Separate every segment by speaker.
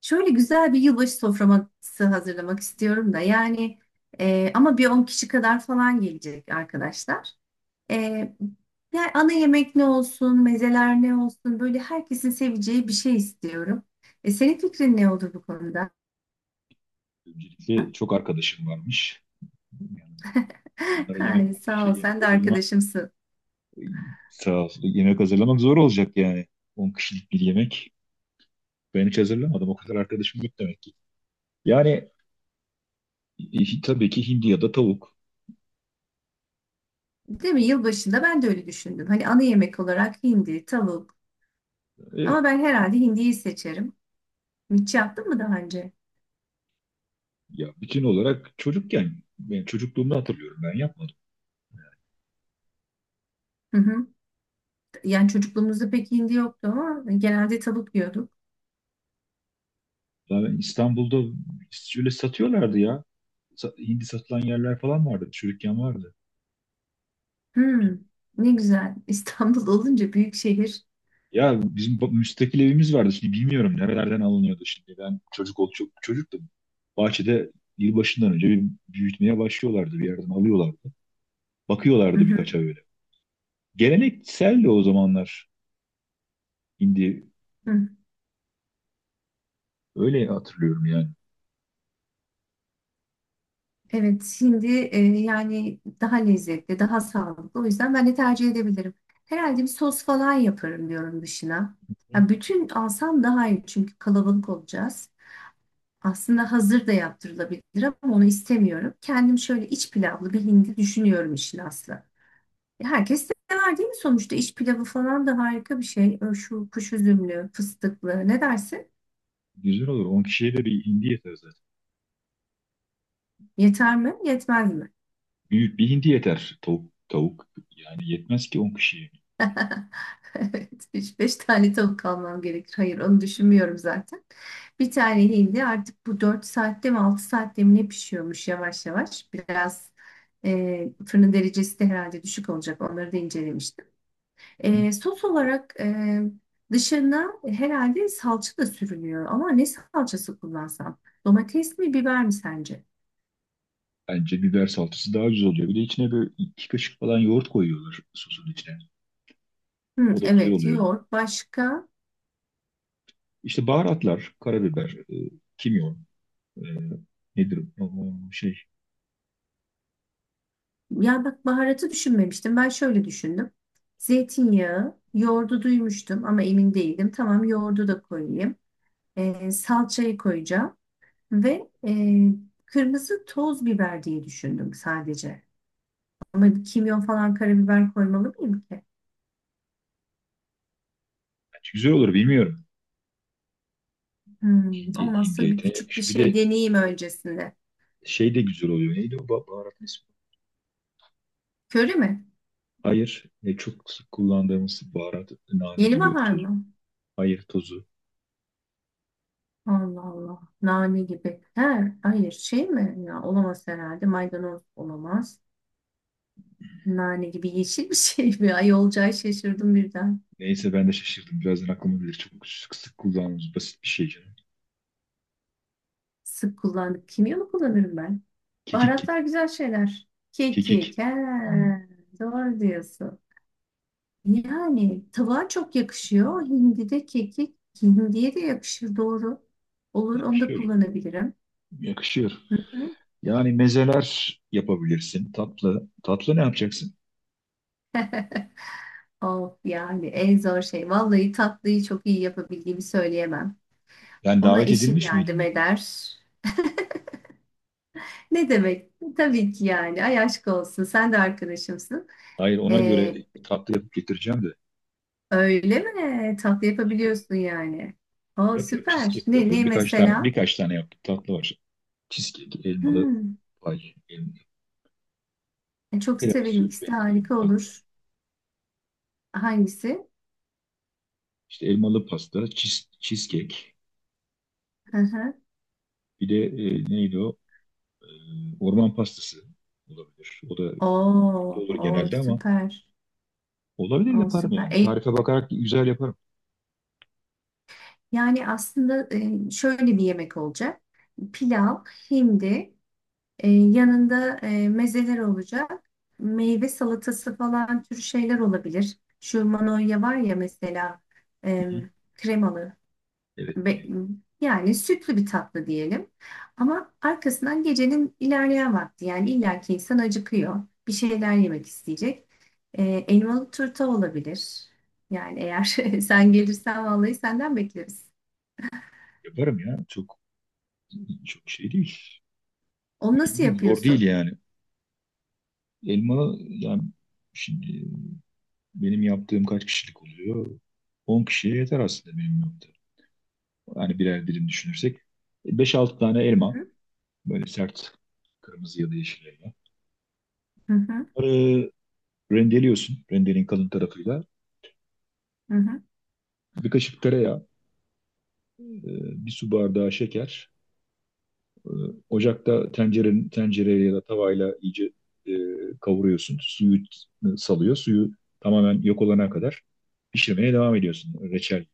Speaker 1: Şöyle güzel bir yılbaşı soframası hazırlamak istiyorum da yani ama bir 10 kişi kadar falan gelecek arkadaşlar. E, yani ana yemek ne olsun, mezeler ne olsun böyle herkesin seveceği bir şey istiyorum. Senin fikrin ne olur bu konuda?
Speaker 2: Öncelikle çok arkadaşım varmış. Yani bunlara
Speaker 1: Ay, sağ ol, sen
Speaker 2: yemek
Speaker 1: de
Speaker 2: hazırlamak
Speaker 1: arkadaşımsın.
Speaker 2: sağ olsun. Yemek hazırlamak zor olacak yani. 10 kişilik bir yemek. Ben hiç hazırlamadım. O kadar arkadaşım yok demek ki. Yani tabii ki hindi ya da tavuk.
Speaker 1: Değil mi? Yılbaşında ben de öyle düşündüm. Hani ana yemek olarak hindi, tavuk,
Speaker 2: Evet.
Speaker 1: ama ben herhalde hindiyi seçerim. Hiç yaptın mı daha önce?
Speaker 2: Ya bütün olarak çocukken ben çocukluğumda hatırlıyorum ben yapmadım.
Speaker 1: Hı hı. Yani çocukluğumuzda pek hindi yoktu ama genelde tavuk yiyorduk.
Speaker 2: Ya ben İstanbul'da şöyle satıyorlardı ya. Hindi satılan yerler falan vardı. Çocukken vardı.
Speaker 1: Hmm, ne güzel. İstanbul olunca büyük şehir.
Speaker 2: Ya bizim müstakil evimiz vardı. Şimdi bilmiyorum nerelerden alınıyordu şimdi. Ben çocuk ol çok çocuktum. Bahçede yılbaşından önce bir büyütmeye başlıyorlardı. Bir yerden alıyorlardı.
Speaker 1: Hı
Speaker 2: Bakıyorlardı
Speaker 1: hı,
Speaker 2: birkaç ay öyle. Gelenekseldi o zamanlar hindi.
Speaker 1: hı.
Speaker 2: Öyle hatırlıyorum yani.
Speaker 1: Evet, şimdi yani daha lezzetli, daha sağlıklı. O yüzden ben de tercih edebilirim. Herhalde bir sos falan yaparım diyorum dışına.
Speaker 2: Hı.
Speaker 1: Ya bütün alsam daha iyi, çünkü kalabalık olacağız. Aslında hazır da yaptırılabilir ama onu istemiyorum. Kendim şöyle iç pilavlı bir hindi düşünüyorum, işin aslı. Ya herkes de sever değil mi sonuçta? İç pilavı falan da harika bir şey. Şu kuş üzümlü, fıstıklı, ne dersin?
Speaker 2: Güzel olur. 10 kişiye de bir hindi yeter zaten.
Speaker 1: Yeter mi? Yetmez mi?
Speaker 2: Büyük bir hindi yeter. Tavuk yani yetmez ki 10 kişiye.
Speaker 1: Evet, üç beş tane tavuk almam gerekir. Hayır, onu düşünmüyorum zaten. Bir tane hindi artık, bu 4 saatte mi 6 saatte mi ne pişiyormuş yavaş yavaş. Biraz fırının derecesi de herhalde düşük olacak. Onları da incelemiştim.
Speaker 2: Hı.
Speaker 1: Sos olarak dışına herhalde salça da sürülüyor. Ama ne salçası kullansam? Domates mi, biber mi sence?
Speaker 2: Bence biber salçası daha güzel oluyor. Bir de içine böyle iki kaşık falan yoğurt koyuyorlar sosun içine.
Speaker 1: Hı,
Speaker 2: O da güzel
Speaker 1: evet,
Speaker 2: oluyor.
Speaker 1: yoğurt. Başka?
Speaker 2: İşte baharatlar, karabiber, e, kimyon nedir? Şey,
Speaker 1: Ya bak, baharatı düşünmemiştim. Ben şöyle düşündüm. Zeytinyağı, yoğurdu duymuştum ama emin değildim. Tamam, yoğurdu da koyayım. Salçayı koyacağım ve kırmızı toz biber diye düşündüm sadece. Ama kimyon falan, karabiber koymalı mıyım ki?
Speaker 2: güzel olur bilmiyorum. Hindi, hindi
Speaker 1: Olmazsa bir
Speaker 2: etine
Speaker 1: küçük bir
Speaker 2: yakışır. Bir
Speaker 1: şey
Speaker 2: de
Speaker 1: deneyeyim öncesinde.
Speaker 2: şey de güzel oluyor. Neydi o baharatın ismi?
Speaker 1: Köri mi?
Speaker 2: Hayır. Çok sık kullandığımız baharat, nane
Speaker 1: Yeni
Speaker 2: gibi
Speaker 1: bahar
Speaker 2: toz.
Speaker 1: mı?
Speaker 2: Hayır tozu.
Speaker 1: Allah Allah. Nane gibi. He, hayır, şey mi? Ya, olamaz herhalde. Maydanoz olamaz. Nane gibi yeşil bir şey mi? Ay, olacağı şaşırdım birden.
Speaker 2: Neyse ben de şaşırdım. Birazdan aklıma gelir. Çok sık sık kullandığımız basit bir şey canım.
Speaker 1: Sık kullandık. Kimyonu mı kullanırım ben?
Speaker 2: Kekik.
Speaker 1: Baharatlar güzel şeyler.
Speaker 2: Kekik.
Speaker 1: Kekik. He,
Speaker 2: Hmm,
Speaker 1: doğru diyorsun. Yani tavuğa çok yakışıyor. Hindi de kekik. Hindiye de yakışır, doğru. Olur, onu da
Speaker 2: yakışıyor.
Speaker 1: kullanabilirim.
Speaker 2: Yakışıyor.
Speaker 1: Hı hı.
Speaker 2: Yani mezeler yapabilirsin. Tatlı. Tatlı ne yapacaksın?
Speaker 1: Of, yani en zor şey. Vallahi tatlıyı çok iyi yapabildiğimi söyleyemem.
Speaker 2: Yani
Speaker 1: Ona
Speaker 2: davet
Speaker 1: eşim
Speaker 2: edilmiş
Speaker 1: yardım
Speaker 2: miydin?
Speaker 1: eder. Ne demek? Tabii ki yani. Ay, aşk olsun. Sen de arkadaşımsın.
Speaker 2: Hayır ona göre
Speaker 1: Ee,
Speaker 2: tatlı yapıp getireceğim de.
Speaker 1: öyle mi? Tatlı yapabiliyorsun yani. Aa,
Speaker 2: Yapıyorum
Speaker 1: süper.
Speaker 2: cheesecake
Speaker 1: Ne,
Speaker 2: yapıyorum.
Speaker 1: ne
Speaker 2: Birkaç tane
Speaker 1: mesela?
Speaker 2: birkaç tane yaptım. Tatlı var. Cheesecake, elmalı
Speaker 1: Hmm,
Speaker 2: pay, elmalı
Speaker 1: Çok severim.
Speaker 2: tiramisu
Speaker 1: İkisi de
Speaker 2: benzeri bir
Speaker 1: harika
Speaker 2: tatlı.
Speaker 1: olur. Hangisi?
Speaker 2: İşte elmalı pasta, cheesecake.
Speaker 1: Hı hı.
Speaker 2: Bir de neydi o? E, orman pastası olabilir. O da
Speaker 1: Oo,
Speaker 2: olur
Speaker 1: o
Speaker 2: genelde ama
Speaker 1: süper.
Speaker 2: olabilir
Speaker 1: O
Speaker 2: yaparım
Speaker 1: süper.
Speaker 2: yani. Tarife bakarak güzel yaparım.
Speaker 1: Yani aslında şöyle bir yemek olacak. Pilav, hindi, yanında mezeler olacak. Meyve salatası falan tür şeyler olabilir. Şu manoya var ya, mesela e, kremalı.
Speaker 2: Evet bir
Speaker 1: Be-
Speaker 2: de
Speaker 1: Yani sütlü bir tatlı diyelim. Ama arkasından gecenin ilerleyen vakti, yani illaki insan acıkıyor. Bir şeyler yemek isteyecek. Ee, elmalı turta olabilir. Yani eğer sen gelirsen vallahi senden bekleriz.
Speaker 2: yaparım ya. Çok çok şey değil.
Speaker 1: Onu
Speaker 2: Mühim
Speaker 1: nasıl
Speaker 2: değil, zor değil
Speaker 1: yapıyorsun?
Speaker 2: yani. Elma yani şimdi benim yaptığım kaç kişilik oluyor? 10 kişiye yeter aslında benim yaptığım. Yani birer dilim düşünürsek. Beş altı tane
Speaker 1: Hı
Speaker 2: elma.
Speaker 1: hı,
Speaker 2: Böyle sert kırmızı ya da yeşil elma.
Speaker 1: hı hı,
Speaker 2: Bunları rendeliyorsun. Rendenin kalın tarafıyla.
Speaker 1: hı hı.
Speaker 2: Bir kaşık tereyağı, e, bir su bardağı şeker. Ocakta tencereyle ya da tavayla iyice e, kavuruyorsun. Suyu salıyor. Suyu tamamen yok olana kadar pişirmeye devam ediyorsun reçel.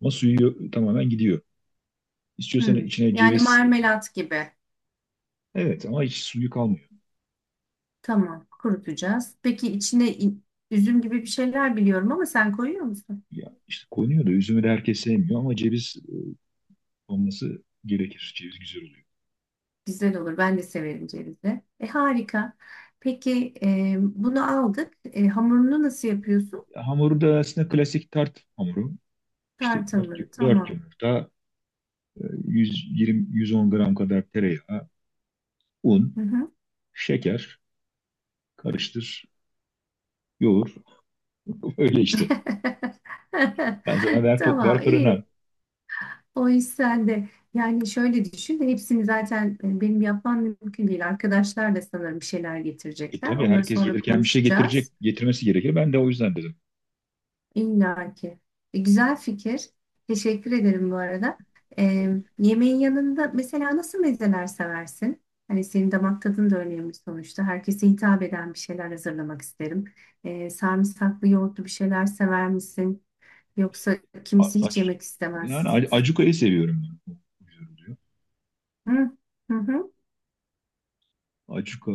Speaker 2: Ama suyu tamamen gidiyor. İstiyorsan
Speaker 1: Hı.
Speaker 2: içine
Speaker 1: Yani
Speaker 2: ceviz.
Speaker 1: marmelat gibi.
Speaker 2: Evet ama hiç suyu kalmıyor.
Speaker 1: Tamam, kurutacağız. Peki içine üzüm gibi bir şeyler biliyorum ama sen koyuyor musun?
Speaker 2: Ya işte konuyor da üzümü de herkes sevmiyor ama ceviz olması gerekir. Ceviz güzel oluyor.
Speaker 1: Güzel olur. Ben de severim cevizli. Harika. Peki bunu aldık. Hamurunu nasıl yapıyorsun?
Speaker 2: Ya hamuru da aslında klasik tart hamuru. İşte
Speaker 1: Tart
Speaker 2: 4,
Speaker 1: hamuru.
Speaker 2: 4
Speaker 1: Tamam.
Speaker 2: yumurta, e, 120, 110 gram kadar tereyağı,
Speaker 1: Hı
Speaker 2: un,
Speaker 1: hı.
Speaker 2: şeker, karıştır, yoğur. Öyle işte. Ben sana ver,
Speaker 1: Tamam,
Speaker 2: ver fırına.
Speaker 1: iyi. O iş sende. Yani şöyle düşün. Hepsini zaten benim yapmam mümkün değil. Arkadaşlar da sanırım bir şeyler
Speaker 2: E
Speaker 1: getirecekler.
Speaker 2: tabii
Speaker 1: Onları
Speaker 2: herkes
Speaker 1: sonra
Speaker 2: gelirken bir şey getirecek,
Speaker 1: konuşacağız.
Speaker 2: getirmesi gerekir. Ben de o yüzden dedim.
Speaker 1: İlla ki. Güzel fikir. Teşekkür ederim bu arada. E, yemeğin yanında mesela nasıl mezeler seversin? Hani senin damak tadın da önemli sonuçta. Herkese hitap eden bir şeyler hazırlamak isterim. Sarımsaklı yoğurtlu bir şeyler sever misin? Yoksa
Speaker 2: A-
Speaker 1: kimisi hiç
Speaker 2: aç-
Speaker 1: yemek
Speaker 2: Yani
Speaker 1: istemez.
Speaker 2: acuka'yı seviyorum ben. O güzel oluyor.
Speaker 1: Hı hı. Hı.
Speaker 2: Acuka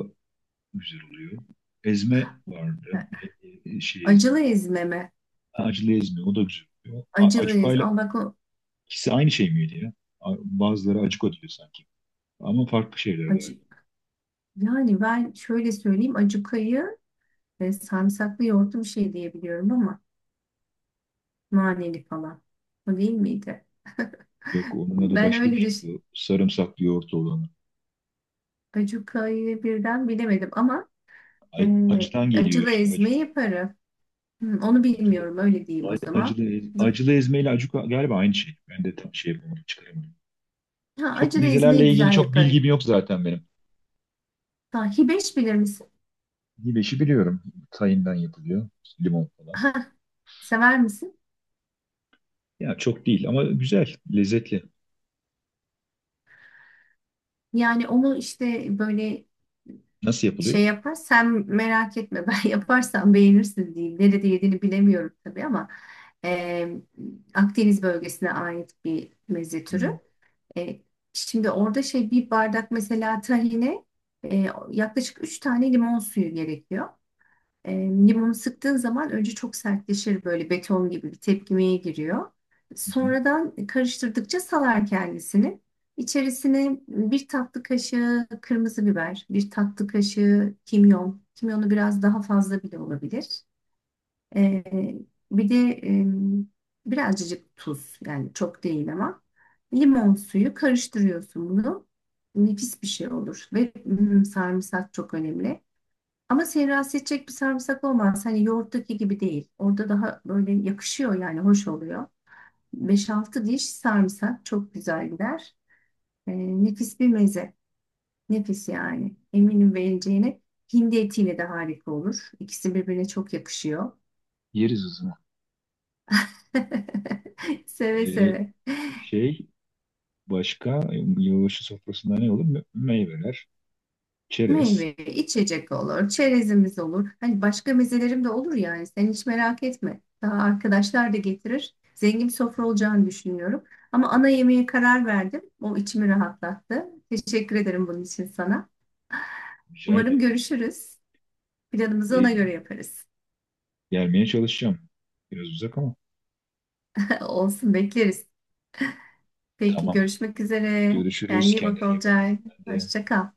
Speaker 2: güzel oluyor. Ezme vardı. Ezme.
Speaker 1: Acılı ezme mi?
Speaker 2: Acılı ezme o da güzel oluyor.
Speaker 1: Acılı ezme.
Speaker 2: Acuka'yla
Speaker 1: Ama bak, o
Speaker 2: ikisi aynı şey miydi ya? Bazıları acuka diyor sanki. Ama farklı şeyler galiba.
Speaker 1: acı. Yani ben şöyle söyleyeyim. Acukayı ve sarımsaklı yoğurtlu bir şey diyebiliyorum ama. Naneli falan. O değil miydi?
Speaker 2: Yok onun adı
Speaker 1: Ben
Speaker 2: başka
Speaker 1: öyle
Speaker 2: bir
Speaker 1: düş.
Speaker 2: şey. O sarımsaklı yoğurt olanı.
Speaker 1: Acuka'yı birden bilemedim ama e,
Speaker 2: Acıdan geliyor
Speaker 1: acılı
Speaker 2: işte
Speaker 1: ezme
Speaker 2: acuk.
Speaker 1: yaparım. Hı, onu
Speaker 2: Acılı,
Speaker 1: bilmiyorum, öyle diyeyim o zaman.
Speaker 2: acılı,
Speaker 1: Z-
Speaker 2: acılı ezme ile acuka galiba aynı şey. Ben de tam şey yapamadım, çıkaramadım.
Speaker 1: Ha,
Speaker 2: Çok
Speaker 1: acılı ezmeyi
Speaker 2: mezelerle ilgili
Speaker 1: güzel
Speaker 2: çok
Speaker 1: yaparım.
Speaker 2: bilgim yok zaten benim.
Speaker 1: Ha, hibeş bilir misin?
Speaker 2: Hibeşi biliyorum. Tayından yapılıyor. Limon falan.
Speaker 1: Ha, sever misin?
Speaker 2: Ya çok değil ama güzel, lezzetli.
Speaker 1: Yani onu işte böyle
Speaker 2: Nasıl
Speaker 1: şey
Speaker 2: yapılıyor?
Speaker 1: yapar. Sen merak etme, ben yaparsam beğenirsin diyeyim. Nerede yediğini bilemiyorum tabii ama e, Akdeniz bölgesine ait bir meze
Speaker 2: Hmm,
Speaker 1: türü. E, şimdi orada şey, bir bardak mesela tahine e, yaklaşık 3 tane limon suyu gerekiyor. E, limonu sıktığın zaman önce çok sertleşir, böyle beton gibi bir tepkimeye giriyor.
Speaker 2: hı hı.
Speaker 1: Sonradan karıştırdıkça salar kendisini. İçerisine bir tatlı kaşığı kırmızı biber, bir tatlı kaşığı kimyon. Kimyonu biraz daha fazla bile olabilir. Ee, bir de birazcık tuz, yani çok değil ama limon suyu karıştırıyorsun bunu. Nefis bir şey olur ve sarımsak çok önemli. Ama seni rahatsız edecek bir sarımsak olmaz. Hani yoğurttaki gibi değil. Orada daha böyle yakışıyor, yani hoş oluyor. Beş altı diş sarımsak çok güzel gider. Ee, nefis bir meze. Nefis yani. Eminim beğeneceğine. Hindi etiyle de harika olur. İkisi birbirine çok yakışıyor.
Speaker 2: Yeriz hızına.
Speaker 1: Seve
Speaker 2: Ee,
Speaker 1: seve.
Speaker 2: şey başka yılbaşı sofrasında ne olur? Meyveler, çerez.
Speaker 1: Meyve, içecek olur, çerezimiz olur. Hani başka mezelerim de olur, yani sen hiç merak etme. Daha arkadaşlar da getirir. Zengin bir sofra olacağını düşünüyorum. Ama ana yemeğe karar verdim. O içimi rahatlattı. Teşekkür ederim bunun için sana.
Speaker 2: Rica
Speaker 1: Umarım
Speaker 2: ederim.
Speaker 1: görüşürüz. Planımızı ona
Speaker 2: Ee,
Speaker 1: göre yaparız.
Speaker 2: gelmeye çalışacağım. Biraz uzak ama.
Speaker 1: Olsun, bekleriz. Peki,
Speaker 2: Tamam.
Speaker 1: görüşmek üzere. Kendine
Speaker 2: Görüşürüz.
Speaker 1: iyi bak
Speaker 2: Kendine iyi bak.
Speaker 1: Olcay.
Speaker 2: Ben de
Speaker 1: Hoşça kal.